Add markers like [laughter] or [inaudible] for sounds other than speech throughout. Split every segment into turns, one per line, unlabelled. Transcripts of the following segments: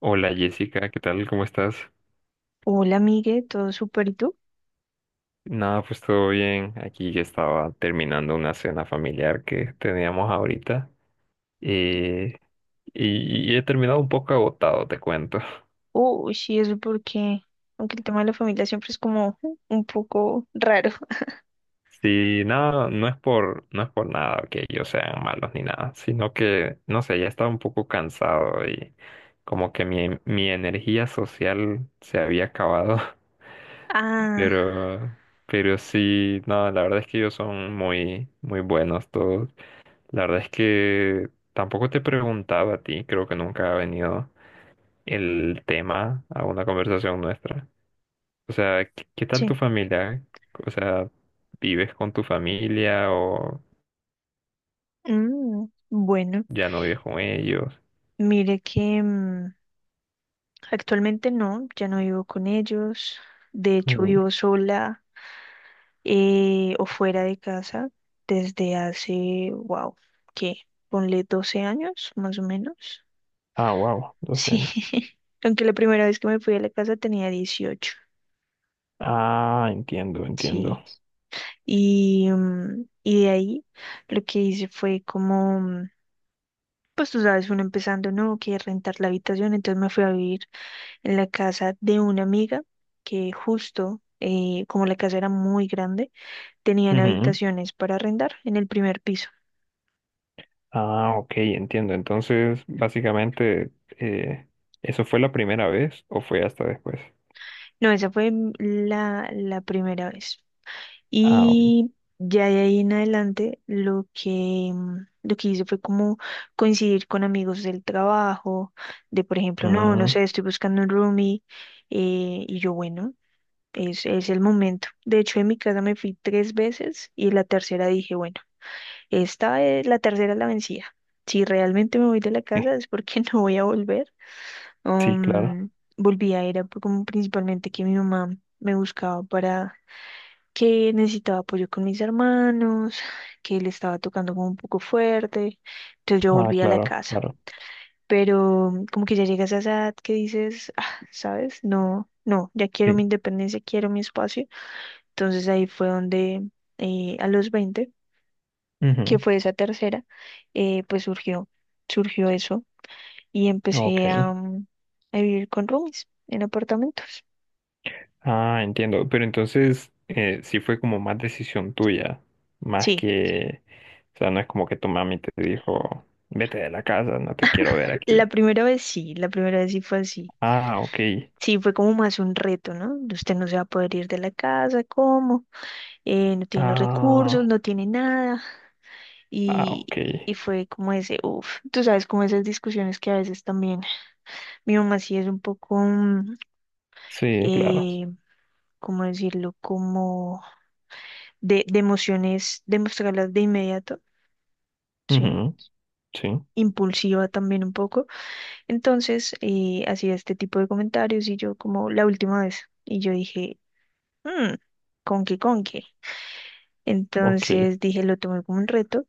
Hola Jessica, ¿qué tal? ¿Cómo estás?
Hola, amigue, todo súper, ¿y tú?
Nada, pues todo bien. Aquí ya estaba terminando una cena familiar que teníamos ahorita. eh, y he terminado un poco agotado, te cuento. [laughs]
Uy, sí, eso porque, aunque el tema de la familia siempre es como un poco raro. [laughs]
Sí, nada, no es por nada que ellos sean malos ni nada, sino que, no sé, ya estaba un poco cansado y como que mi energía social se había acabado. [laughs]
Ah,
Pero, pero sí, no, la verdad es que ellos son muy, muy buenos todos. La verdad es que tampoco te preguntaba a ti, creo que nunca ha venido el tema a una conversación nuestra. O sea, ¿qué tal
sí.
tu familia? O sea, ¿vives con tu familia o
Mm, bueno,
ya no vives con ellos?
mire que actualmente no, ya no vivo con ellos. De hecho,
Ujú.
vivo sola o fuera de casa desde hace, wow, ¿qué? Ponle 12 años, más o menos.
Ah, wow, 12
Sí,
años.
[laughs] aunque la primera vez que me fui a la casa tenía 18.
Ah, entiendo, entiendo.
Sí. Y de ahí lo que hice fue como, pues tú sabes, uno empezando, no, que rentar la habitación, entonces me fui a vivir en la casa de una amiga que justo, como la casa era muy grande, tenían
Ujú.
habitaciones para arrendar en el primer piso.
Ah, ok, entiendo. Entonces, básicamente, eh, ¿eso fue la primera vez o fue hasta después?
No, esa fue la primera vez.
Ah, ok.
Y ya de ahí en adelante lo que hice fue como coincidir con amigos del trabajo, de por ejemplo, no, no
Mm,
sé, estoy buscando un roomie, y yo, bueno, es el momento. De hecho, en mi casa me fui tres veces y la tercera dije, bueno, esta es la tercera, es la vencida. Si realmente me voy de la
sí,
casa, es porque [laughs] no voy a volver.
sí, claro.
Um, volví era como principalmente que mi mamá me buscaba para que necesitaba apoyo con mis hermanos, que le estaba tocando como un poco fuerte. Entonces yo
Ah,
volví a la
claro,
casa.
claro.
Pero como que ya llegas a esa edad que dices: "Ah, ¿sabes? No, no, ya quiero
Sí.
mi independencia, quiero mi espacio." Entonces ahí fue donde a los 20, que
Ujú.
fue esa tercera, pues surgió, surgió eso y
Ok.
empecé a vivir con roomies en apartamentos.
Ah, entiendo. Pero entonces, sí fue como más decisión tuya, más
Sí,
que, o sea, no es como que tu mami te dijo, vete de la casa, no te quiero ver
la
aquí.
primera vez sí, la primera vez sí fue así.
Ah, ok.
Sí, fue como más un reto, ¿no? Usted no se va a poder ir de la casa, ¿cómo? No tiene los
Ah,
recursos, no tiene nada.
ah,
Y,
ok.
y fue como ese, uff, tú sabes, como esas discusiones que a veces también mi mamá sí es un poco,
Sí, claro.
eh, ¿cómo decirlo? Como de emociones, de inmediato, ¿sí?
Ujú. Sí,
Impulsiva también un poco. Entonces, hacía este tipo de comentarios, y yo como la última vez, y yo dije: "Mm, ¿con qué?
ok.
Entonces dije, lo tomé como un reto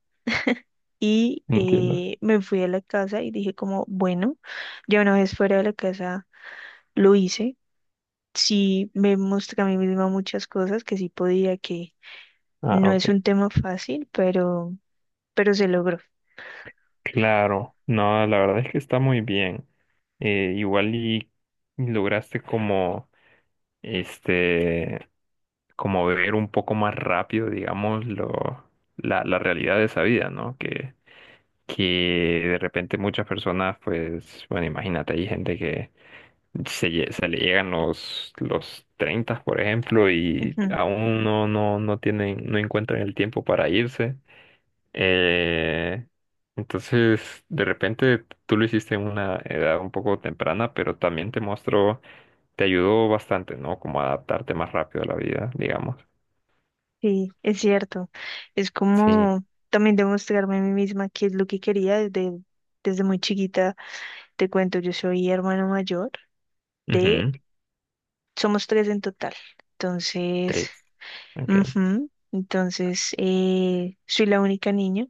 y
Entiendo.
me fui a la casa y dije como, bueno, ya una vez fuera de la casa lo hice. Sí me mostré a mí misma muchas cosas que sí podía, que
Ah,
no
ok.
es un tema fácil, pero se logró.
Claro. No, la verdad es que está muy bien. Igual y lograste como, este... como ver un poco más rápido, digamos, la realidad de esa vida, ¿no? Que de repente muchas personas, pues, bueno, imagínate, hay gente que se le llegan los 30, por ejemplo, y
Ujú,
aún no tienen, no encuentran el tiempo para irse. Eh, entonces, de repente tú lo hiciste en una edad un poco temprana, pero también te mostró, te ayudó bastante, ¿no? Como a adaptarte más rápido a la vida, digamos.
sí, es cierto. Es
Sí.
como también demostrarme a mí misma qué es lo que quería desde muy chiquita. Te cuento, yo soy hermano mayor de,
Ujú.
somos tres en total. Entonces.
Tres. Ok.
Ujú. Entonces, soy la única niña,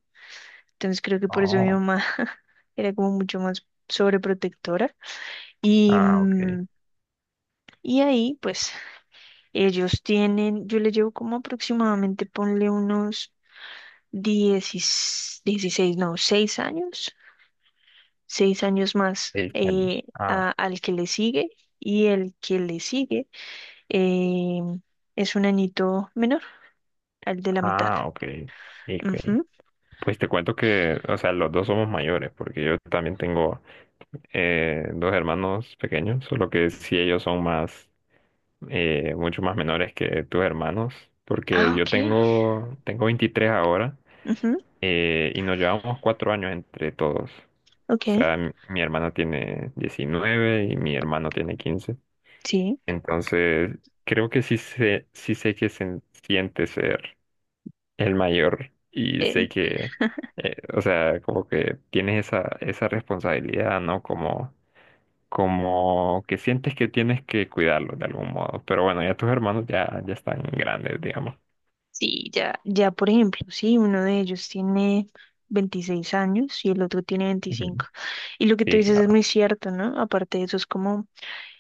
entonces creo que por eso mi
Oh,
mamá [laughs] era como mucho más sobreprotectora. Y,
ah, ok.
mm, y ahí, pues, ellos tienen, yo le llevo como aproximadamente, ponle unos 16, 16 no, 6 años, 6 años más
Seis años. Ah,
al que le sigue, y el que le sigue eh, es un añito menor, al de la mitad.
ah, ok. Ok.
Ujú.
Pues te cuento que, o sea, los dos somos mayores, porque yo también tengo dos hermanos pequeños, solo que sí ellos son más, mucho más menores que tus hermanos, porque
Ah, ok.
yo tengo, tengo 23 ahora
Ujú,
y nos llevamos 4 años entre todos. O
ok.
sea, mi hermana tiene 19 y mi hermano tiene 15.
Sí,
Entonces, creo que sí sé que se siente ser el mayor y
eh,
sé que, o sea, como que tienes esa, esa responsabilidad, ¿no? Como, como que sientes que tienes que cuidarlo de algún modo. Pero bueno, ya tus hermanos ya, ya están grandes, digamos.
sí, ya, ya por ejemplo, sí, uno de ellos tiene 26 años y el otro tiene
Ujú.
25. Y lo que tú
Sí,
dices es
claro.
muy cierto, ¿no? Aparte de eso es como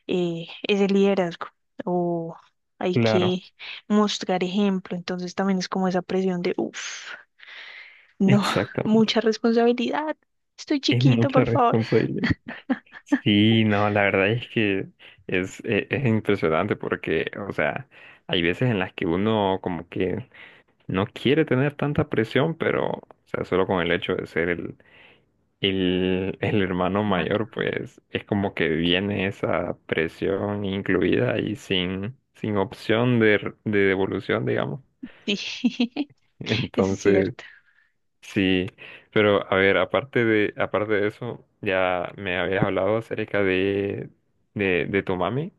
ese liderazgo o hay
Claro,
que mostrar ejemplo, entonces también es como esa presión de, uff, no, [laughs] mucha
exactamente.
responsabilidad, estoy
Es
chiquito,
mucha
por favor.
responsabilidad. Sí, no, la verdad es que es impresionante porque, o sea, hay veces en las que uno como que no quiere tener tanta presión, pero, o sea, solo con el hecho de ser el, [laughs] el hermano
Mano,
mayor, pues es como que viene esa presión incluida y sin opción de, r- de devolución, digamos.
sí, [laughs]
[laughs]
eso es
Entonces,
cierto.
sí, pero a ver, aparte de eso, ya me habías hablado acerca de, de tu mami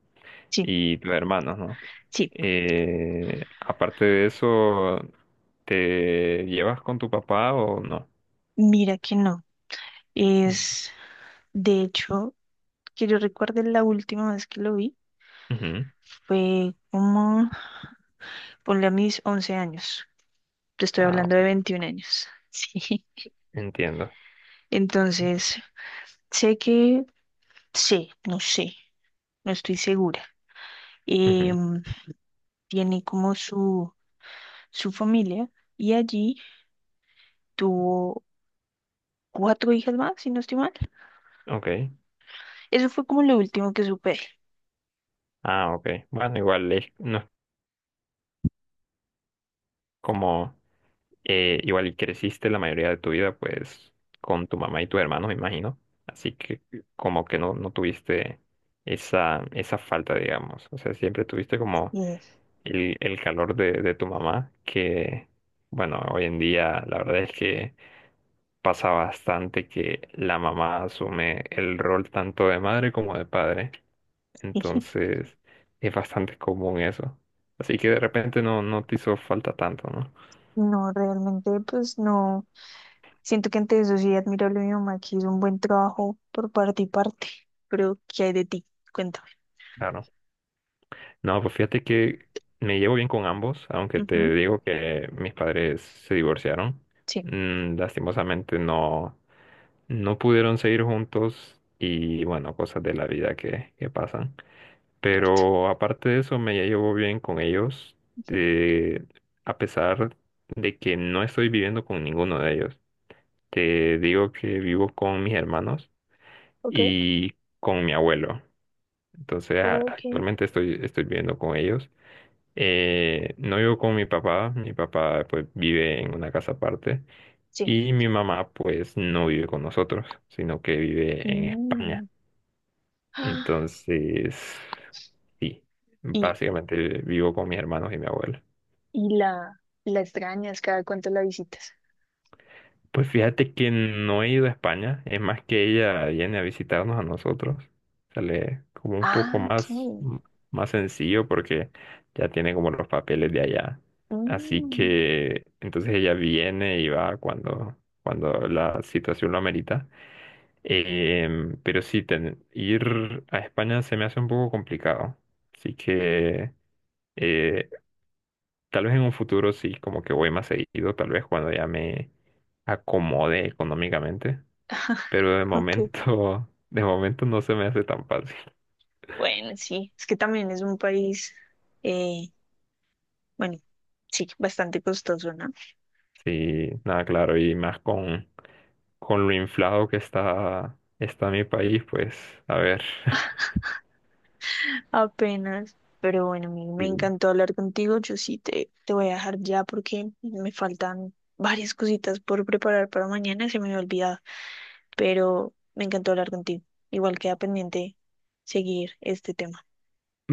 Sí,
y tus hermanos, ¿no?
sí,
Aparte de eso, ¿te llevas con tu papá o no?
mira que no,
Mm.
es, de hecho. Que yo recuerde, la última vez que lo vi
Ujú.
fue como, ponle, a mis 11 años. Te estoy
Ah,
hablando de
ok,
21 años. [laughs] Sí.
entiendo.
Entonces, sé que, no sé, no estoy segura.
Ujú.
Em, tiene como su familia, y allí tuvo cuatro hijas más, si no estoy mal.
Ok.
Eso fue como lo último que supe.
Ah, ok. Bueno, igual no es como, igual y creciste la mayoría de tu vida, pues, con tu mamá y tu hermano, me imagino. Así que como que no, no tuviste esa, esa falta, digamos. O sea, siempre tuviste como
Y-
el calor de tu mamá, que bueno, hoy en día la verdad es que pasa bastante que la mamá asume el rol tanto de madre como de padre,
[laughs]
entonces es bastante común eso. Así que de repente no, no te hizo falta tanto, ¿no?
No, realmente, pues no. Siento que ante eso sí, admirable mi mamá que hizo un buen trabajo por parte y parte, pero ¿qué hay de ti? Cuéntame.
Claro. No, pues fíjate que me llevo bien con ambos, aunque
Ujú,
te digo que mis padres se divorciaron.
sí,
Mm, lastimosamente no. No pudieron seguir juntos y bueno, cosas de la vida que pasan.
cierto.
Pero aparte de eso, me llevo bien con ellos,
Ujú,
eh, a pesar de que no estoy viviendo con ninguno de ellos. Te digo que vivo con mis hermanos
ok,
y con mi abuelo. Entonces, a-
ok,
actualmente estoy, estoy viviendo con ellos. No vivo con mi papá pues vive en una casa aparte.
sí.
Y mi mamá, pues, no vive con nosotros, sino que vive en España.
Mm. [gasps] Ah,
Entonces, sí,
Y,
básicamente vivo con mis hermanos y mi abuela.
y la extrañas? ¿Cada cuánto la visitas?
Pues fíjate que no he ido a España, es más que ella viene a visitarnos a nosotros. Sale como un poco
Ah,
más,
ok.
más sencillo porque ya tiene como los papeles de allá. Así
Mm,
que entonces ella viene y va cuando, cuando la situación lo amerita. Em, pero sí, ten- ir a España se me hace un poco complicado. Así que eh, tal vez en un futuro sí, como que voy más seguido, tal vez cuando ya me acomode económicamente,
[laughs]
pero de
ok.
momento, [laughs] de momento no se me hace tan fácil.
Bueno, sí, es que también es un país, eh, bueno, sí, bastante costoso, ¿no?
Sí, nada, claro, y más con lo inflado que está, está mi país, pues a ver. [laughs]
Apenas. Pero bueno, me
Sí.
encantó hablar contigo. Yo sí te voy a dejar ya porque me faltan varias cositas por preparar para mañana. Se me había olvidado. Pero me encantó hablar contigo. Igual queda pendiente seguir este tema.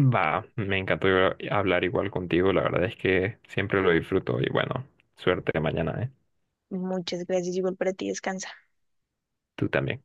Va, me encantó hablar igual contigo, la verdad es que siempre lo disfruto y bueno, suerte mañana, ¿eh?
Muchas gracias. Igual para ti. Descansa.
Tú también.